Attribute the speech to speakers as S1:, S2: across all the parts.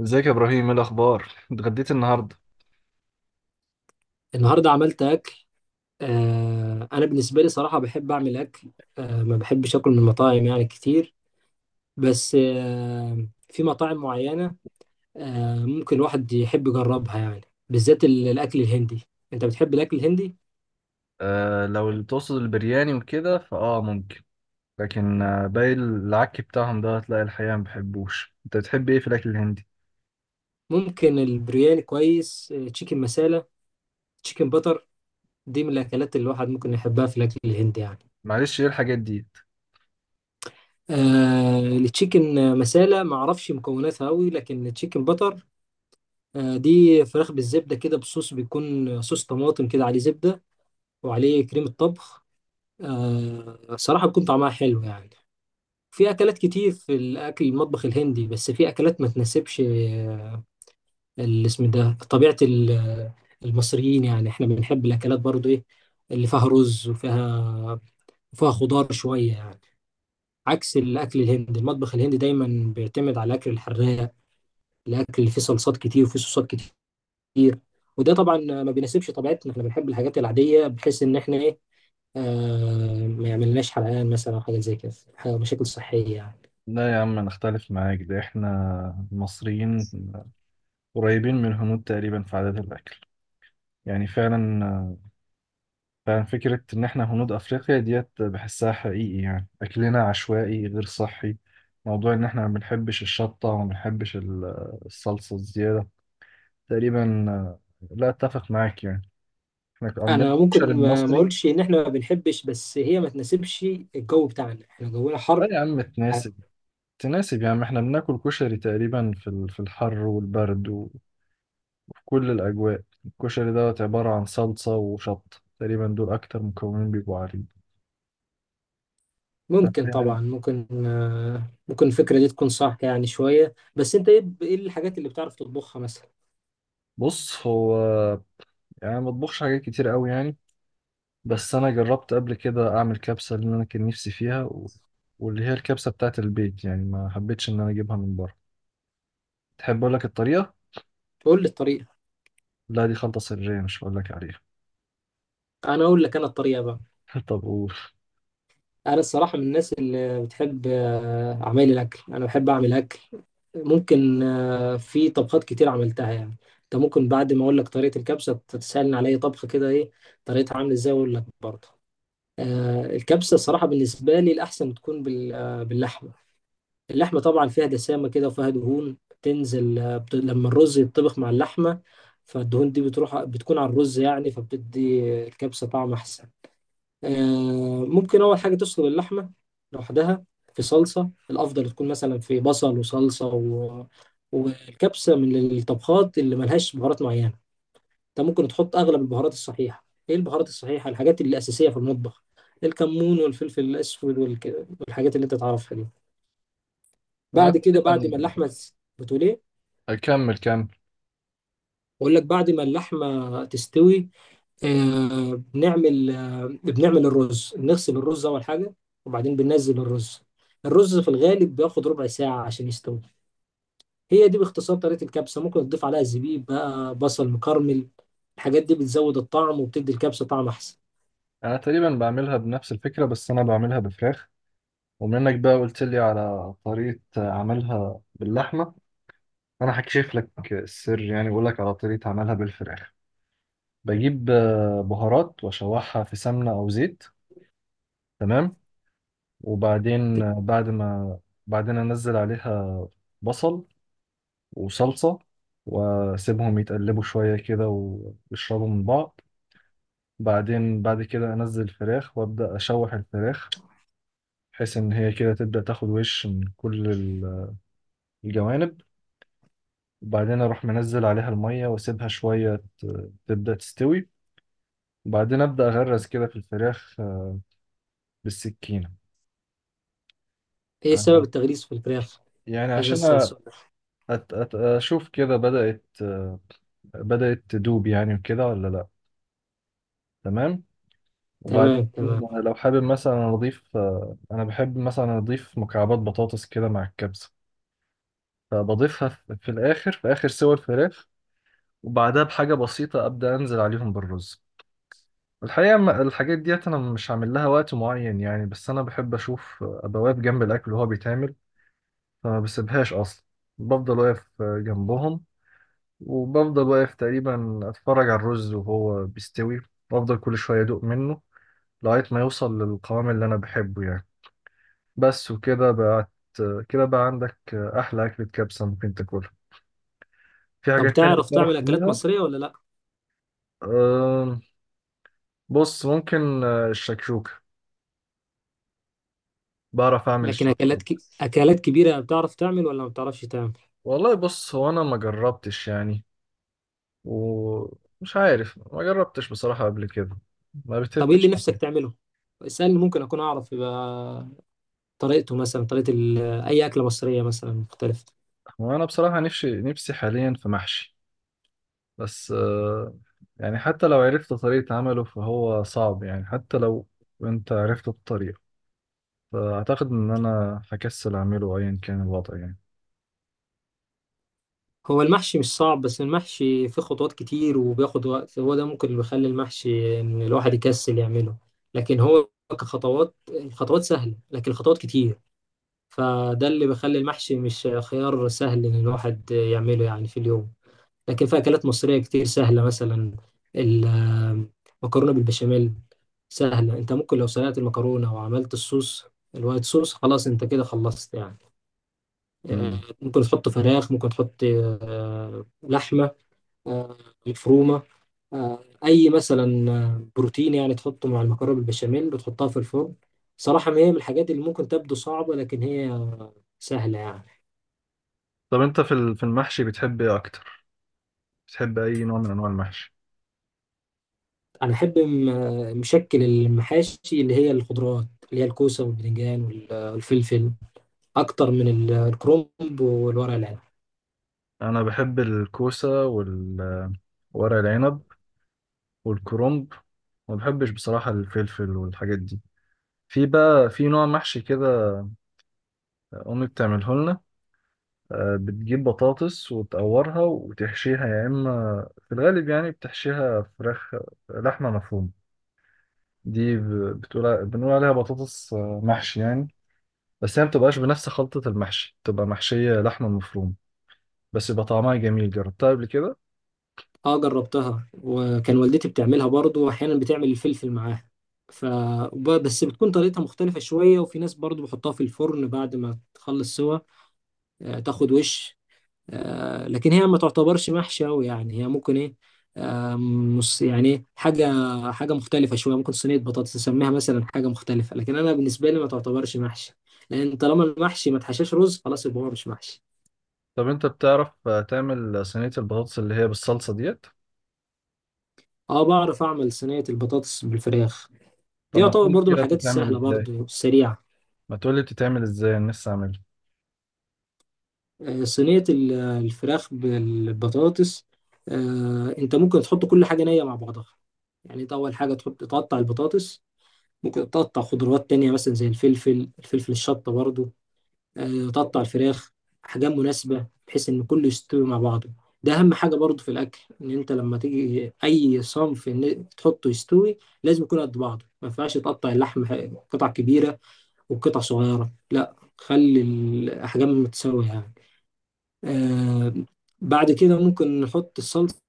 S1: ازيك يا ابراهيم؟ ايه الاخبار؟ اتغديت النهارده؟
S2: النهارده عملت اكل. انا بالنسبه لي صراحه بحب اعمل اكل. ما بحبش اكل من المطاعم يعني كتير، بس في مطاعم معينه، ممكن الواحد يحب يجربها يعني، بالذات الاكل الهندي. انت بتحب الاكل الهندي؟
S1: آه، لو اللي تقصد البرياني وكده ممكن. لكن باقي العك بتاعهم ده هتلاقي الحقيقه ما بحبوش. انت بتحب ايه في الاكل الهندي؟
S2: ممكن البرياني كويس، تشيكن مسالة، تشيكن بتر، دي من الاكلات اللي الواحد ممكن يحبها في الاكل الهندي يعني.
S1: معلش ايه الحاجات دي؟
S2: التشيكن مسالة ما اعرفش مكوناتها قوي، لكن التشيكن بتر، دي فراخ بالزبدة كده بصوص، بيكون صوص طماطم كده عليه زبدة وعليه كريمة طبخ. صراحة بيكون طعمها حلو يعني. في أكلات كتير في الأكل المطبخ الهندي، بس في أكلات ما تناسبش الاسم ده، طبيعة المصريين يعني، إحنا بنحب الأكلات برضو إيه؟ اللي فيها رز وفيها وفيها خضار شوية يعني. عكس الأكل الهندي، المطبخ الهندي دايما بيعتمد على الأكل الحراق، الأكل اللي فيه صلصات كتير وفيه صوصات كتير. وده طبعا ما بيناسبش طبيعتنا، احنا بنحب الحاجات العاديه، بحيث ان احنا ايه، ما يعملناش حرقان مثلا او حاجه زي كده، مشاكل صحيه يعني.
S1: لا يا عم انا اختلف معاك، ده احنا المصريين قريبين من الهنود تقريبا في عادات الاكل. يعني فعلا، فعلا فكره ان احنا هنود افريقيا ديت بحسها حقيقي، يعني اكلنا عشوائي غير صحي. موضوع ان احنا ما بنحبش الشطه وما بنحبش الصلصه الزياده تقريبا، لا اتفق معاك يعني. احنا عندنا
S2: انا
S1: الكشري
S2: ممكن ما
S1: المصري.
S2: اقولش ان احنا ما بنحبش، بس هي ما تناسبش الجو بتاعنا، احنا جونا
S1: لا
S2: حر.
S1: يا عم تناسب، تناسب يا عم. احنا بناكل كشري تقريبا في في الحر والبرد وفي كل الاجواء. الكشري دوت عبارة عن صلصة وشط، تقريبا دول اكتر مكونين بيبقوا عليه.
S2: ممكن
S1: يعني
S2: طبعا ممكن آه، ممكن الفكره دي تكون صح يعني شويه، بس انت ايه، ايه الحاجات اللي بتعرف تطبخها مثلا؟
S1: بص هو، يعني أنا ما بطبخش حاجات كتير قوي يعني. بس انا جربت قبل كده اعمل كبسة اللي انا كان نفسي فيها واللي هي الكبسة بتاعت البيت، يعني ما حبيتش ان انا اجيبها من بره. تحب اقول لك الطريقة؟
S2: قول لي الطريقه.
S1: لا دي خلطة سرية، مش هقول لك عليها.
S2: انا اقول لك انا الطريقه بقى.
S1: طب قول.
S2: انا الصراحه من الناس اللي بتحب اعمال الاكل، انا بحب اعمل اكل. ممكن في طبخات كتير عملتها يعني. انت ممكن بعد ما اقول لك طريقه الكبسه تسالني على اي طبخه كده، ايه طريقتها عامله ازاي، اقول لك برضه. الكبسه الصراحه بالنسبه لي الاحسن تكون باللحمه. اللحمه طبعا فيها دسامه كده وفيها دهون بتنزل، لما الرز يتطبخ مع اللحمه، فالدهون دي بتروح بتكون على الرز يعني، فبتدي الكبسه طعم احسن. ممكن أول حاجة تسلق اللحمة لوحدها في صلصة. الأفضل تكون مثلا في بصل وصلصة والكبسة من الطبخات اللي ملهاش بهارات معينة. أنت ممكن تحط أغلب البهارات الصحيحة. إيه البهارات الصحيحة؟ الحاجات اللي أساسية في المطبخ، الكمون والفلفل الأسود والحاجات اللي أنت تعرفها دي.
S1: انا
S2: بعد كده،
S1: تقريبا،
S2: بعد ما اللحمة. بتقول إيه؟
S1: اكمل كمل.
S2: بقول لك بعد ما اللحمة تستوي، بنعمل الرز. بنغسل الرز أول حاجة، وبعدين بننزل الرز. الرز في الغالب بياخد ¼ ساعة عشان يستوي. هي دي باختصار طريقة الكبسة. ممكن تضيف عليها زبيب بقى، بصل مكرمل، الحاجات دي بتزود الطعم وبتدي الكبسة طعم أحسن.
S1: انا تقريبا بعملها بنفس الفكره، بس انا بعملها بفراخ. ومنك بقى قلت لي على طريقه عملها باللحمه. انا هكشف لك السر يعني، واقول لك على طريقه عملها بالفراخ. بجيب بهارات واشوحها في سمنه او زيت. تمام. وبعدين آه، بعد ما بعدين انزل عليها بصل وصلصه، واسيبهم يتقلبوا شويه كده ويشربوا من بعض. بعدين بعد كده انزل الفراخ وابدا اشوح الفراخ، بحيث ان هي كده تبدا تاخد وش من كل الجوانب. وبعدين اروح منزل عليها الميه واسيبها شويه تبدا تستوي. وبعدين ابدا اغرز كده في الفراخ بالسكينه.
S2: إيه سبب
S1: آه،
S2: التغليس في الفراخ؟
S1: يعني
S2: عايز
S1: عشان
S2: أسأل سؤال.
S1: اشوف كده بدات، بدات تدوب يعني وكده، ولا لا. تمام. وبعدين
S2: تمام تمام.
S1: لو حابب مثلا اضيف، انا بحب مثلا اضيف مكعبات بطاطس كده مع الكبسه، فبضيفها في الآخر، في آخر سوى الفراخ. وبعدها بحاجة بسيطة أبدأ أنزل عليهم بالرز. الحقيقة الحاجات ديت أنا مش عامل لها وقت معين يعني، بس أنا بحب أشوف، أبقى واقف جنب الأكل وهو بيتعمل، فما بسيبهاش أصلا. بفضل واقف جنبهم، وبفضل واقف تقريبا أتفرج على الرز وهو بيستوي، وأفضل كل شوية أدوق منه، لغاية ما يوصل للقوام اللي أنا بحبه يعني. بس وكده بقت، كده بقى عندك أحلى أكلة كبسة ممكن تاكلها. في
S2: طب
S1: حاجات تانية
S2: تعرف
S1: تعرف
S2: تعمل أكلات
S1: تعملها؟
S2: مصرية ولا لأ؟
S1: أم، بص ممكن الشكشوكة، بعرف أعمل
S2: لكن
S1: الشكشوكة.
S2: أكلات أكلات كبيرة بتعرف تعمل ولا ما بتعرفش تعمل؟
S1: والله بص هو أنا ما جربتش يعني، ومش عارف، ما جربتش بصراحة قبل كده. ما
S2: طب إيه اللي
S1: بتفتش.
S2: نفسك تعمله؟ اسألني، ممكن أكون أعرف، يبقى طريقته مثلا، طريقة أي أكلة مصرية مثلا مختلفة.
S1: هو أنا بصراحة نفسي نفسي حاليا في محشي، بس يعني حتى لو عرفت طريقة عمله فهو صعب، يعني حتى لو أنت عرفت الطريقة، فأعتقد إن أنا هكسل أعمله أيا كان الوضع يعني.
S2: هو المحشي مش صعب، بس المحشي فيه خطوات كتير وبياخد وقت، هو ده ممكن اللي بيخلي المحشي إن الواحد يكسل يعمله. لكن هو كخطوات، الخطوات سهلة، لكن الخطوات كتير، فده اللي بيخلي المحشي مش خيار سهل إن الواحد يعمله يعني في اليوم. لكن في أكلات مصرية كتير سهلة، مثلا المكرونة بالبشاميل سهلة. أنت ممكن لو سلقت المكرونة وعملت الصوص، الوايت صوص، خلاص أنت كده خلصت يعني. آه،
S1: مم.
S2: ممكن تحط فراخ، ممكن تحط لحمة، آه، مفرومة، آه، أي مثلا بروتين يعني تحطه مع المكرونة بالبشاميل وتحطها في الفرن. صراحة ما هي من الحاجات اللي ممكن تبدو صعبة، لكن هي سهلة يعني.
S1: طب أنت في في المحشي بتحب إيه أكتر؟ بتحب أي نوع من أنواع المحشي؟
S2: أنا أحب مشكل المحاشي اللي هي الخضروات، اللي هي الكوسة والباذنجان والفلفل، أكتر من الكرنب والورق العنب.
S1: انا بحب الكوسه والورق العنب والكرنب، ما بحبش بصراحه الفلفل والحاجات دي. في بقى في نوع محشي كده، امي بتعمله لنا. بتجيب بطاطس وتقورها وتحشيها، يا اما في الغالب يعني بتحشيها فراخ، لحمه مفرومه. دي ب- بتقول بنقول عليها بطاطس محشي يعني. بس هي ما بتبقاش بنفس خلطه المحشي، بتبقى محشيه لحمه مفرومه، بس يبقى طعمها جميل جربتها قبل كده.
S2: اه، جربتها، وكان والدتي بتعملها برضو، واحيانا بتعمل الفلفل معاها. ف بس بتكون طريقتها مختلفة شوية. وفي ناس برضو بحطها في الفرن بعد ما تخلص سوا، تاخد وش. لكن هي ما تعتبرش محشي أوي يعني، هي ممكن ايه، آه، مص يعني إيه، حاجة، حاجة مختلفة شوية. ممكن صينية بطاطس نسميها مثلا، حاجة مختلفة. لكن أنا بالنسبة لي ما تعتبرش محشي، لأن طالما المحشي ما تحشاش رز خلاص يبقى هو مش محشي.
S1: طب انت بتعرف تعمل صينية البطاطس اللي هي بالصلصة ديت؟
S2: اه، بعرف أعمل صينية البطاطس بالفراخ. دي
S1: طب ما
S2: يعتبر
S1: تقول
S2: برضو من
S1: كده
S2: الحاجات
S1: بتتعمل
S2: السهلة
S1: ازاي؟
S2: برضو السريعة.
S1: ما تقول لي بتتعمل ازاي، انا لسه اعملها.
S2: صينية الفراخ بالبطاطس، انت ممكن تحط كل حاجة نية مع بعضها. يعني انت اول حاجة تحط تقطع البطاطس، ممكن تقطع خضروات تانية مثلا زي الفلفل الشطة برضو. تقطع الفراخ احجام مناسبة بحيث ان كله يستوي مع بعضه. ده اهم حاجة برضو في الاكل، ان انت لما تيجي اي صنف ان تحطه يستوي لازم يكون قد بعضه، ما ينفعش تقطع اللحم قطع كبيرة وقطع صغيرة، لا خلي الأحجام متساوية يعني. آه بعد كده ممكن نحط الصلصة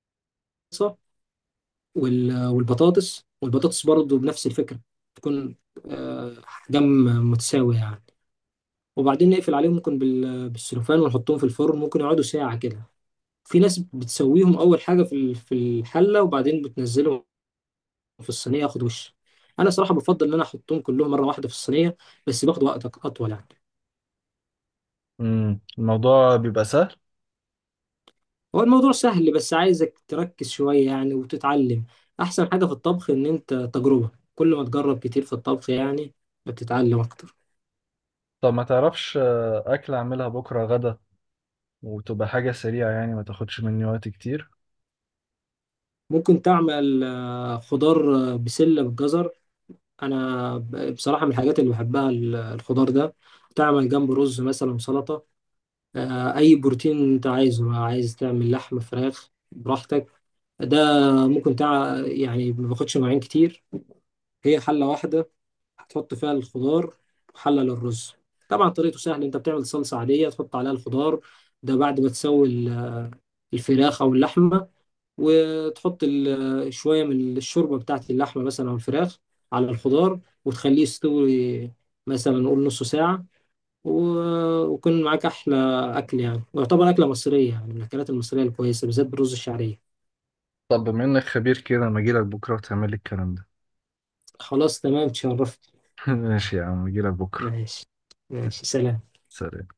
S2: والبطاطس. والبطاطس برضو بنفس الفكرة، تكون أحجام متساوية يعني. وبعدين نقفل عليهم ممكن بالسلوفان ونحطهم في الفرن، ممكن يقعدوا ساعة كده. في ناس بتسويهم أول حاجة في في الحلة، وبعدين بتنزلهم في الصينية ياخد وش. أنا صراحة بفضل إن أنا أحطهم كلهم مرة واحدة في الصينية، بس باخد وقت أطول يعني.
S1: الموضوع بيبقى سهل.
S2: هو الموضوع سهل، بس عايزك تركز شوية يعني وتتعلم. أحسن حاجة في الطبخ إن أنت تجربة، كل ما تجرب كتير في الطبخ يعني بتتعلم أكتر.
S1: طب ما تعرفش اكل اعملها بكرة غدا، وتبقى حاجة سريعة يعني ما تاخدش مني وقت كتير.
S2: ممكن تعمل خضار، بسلة بالجزر. أنا بصراحة من الحاجات اللي بحبها الخضار ده، تعمل جنب رز مثلا، سلطة، أي بروتين أنت عايزه، عايز تعمل لحم فراخ براحتك. ده ممكن يعني ما باخدش مواعين كتير، هي حلة واحدة هتحط فيها الخضار وحلل الرز. طبعا طريقته سهلة، انت بتعمل صلصة عادية تحط عليها الخضار ده بعد ما تسوي الفراخ او اللحمة، وتحط شوية من الشوربة بتاعت اللحمة مثلا او الفراخ على الخضار وتخليه يستوي، مثلا نقول نص ساعة. ويكون معاك أحلى أكل يعني، ويعتبر أكلة مصرية يعني، من الأكلات المصرية الكويسة بالذات بالرز الشعرية.
S1: طب بما انك خبير كده، ما اجيلك بكرة وتعمل لي الكلام ده.
S2: خلاص تمام، تشرفت.
S1: ماشي يا عم، اجيلك بكرة.
S2: ماشي. ماشي، سلام.
S1: سلام.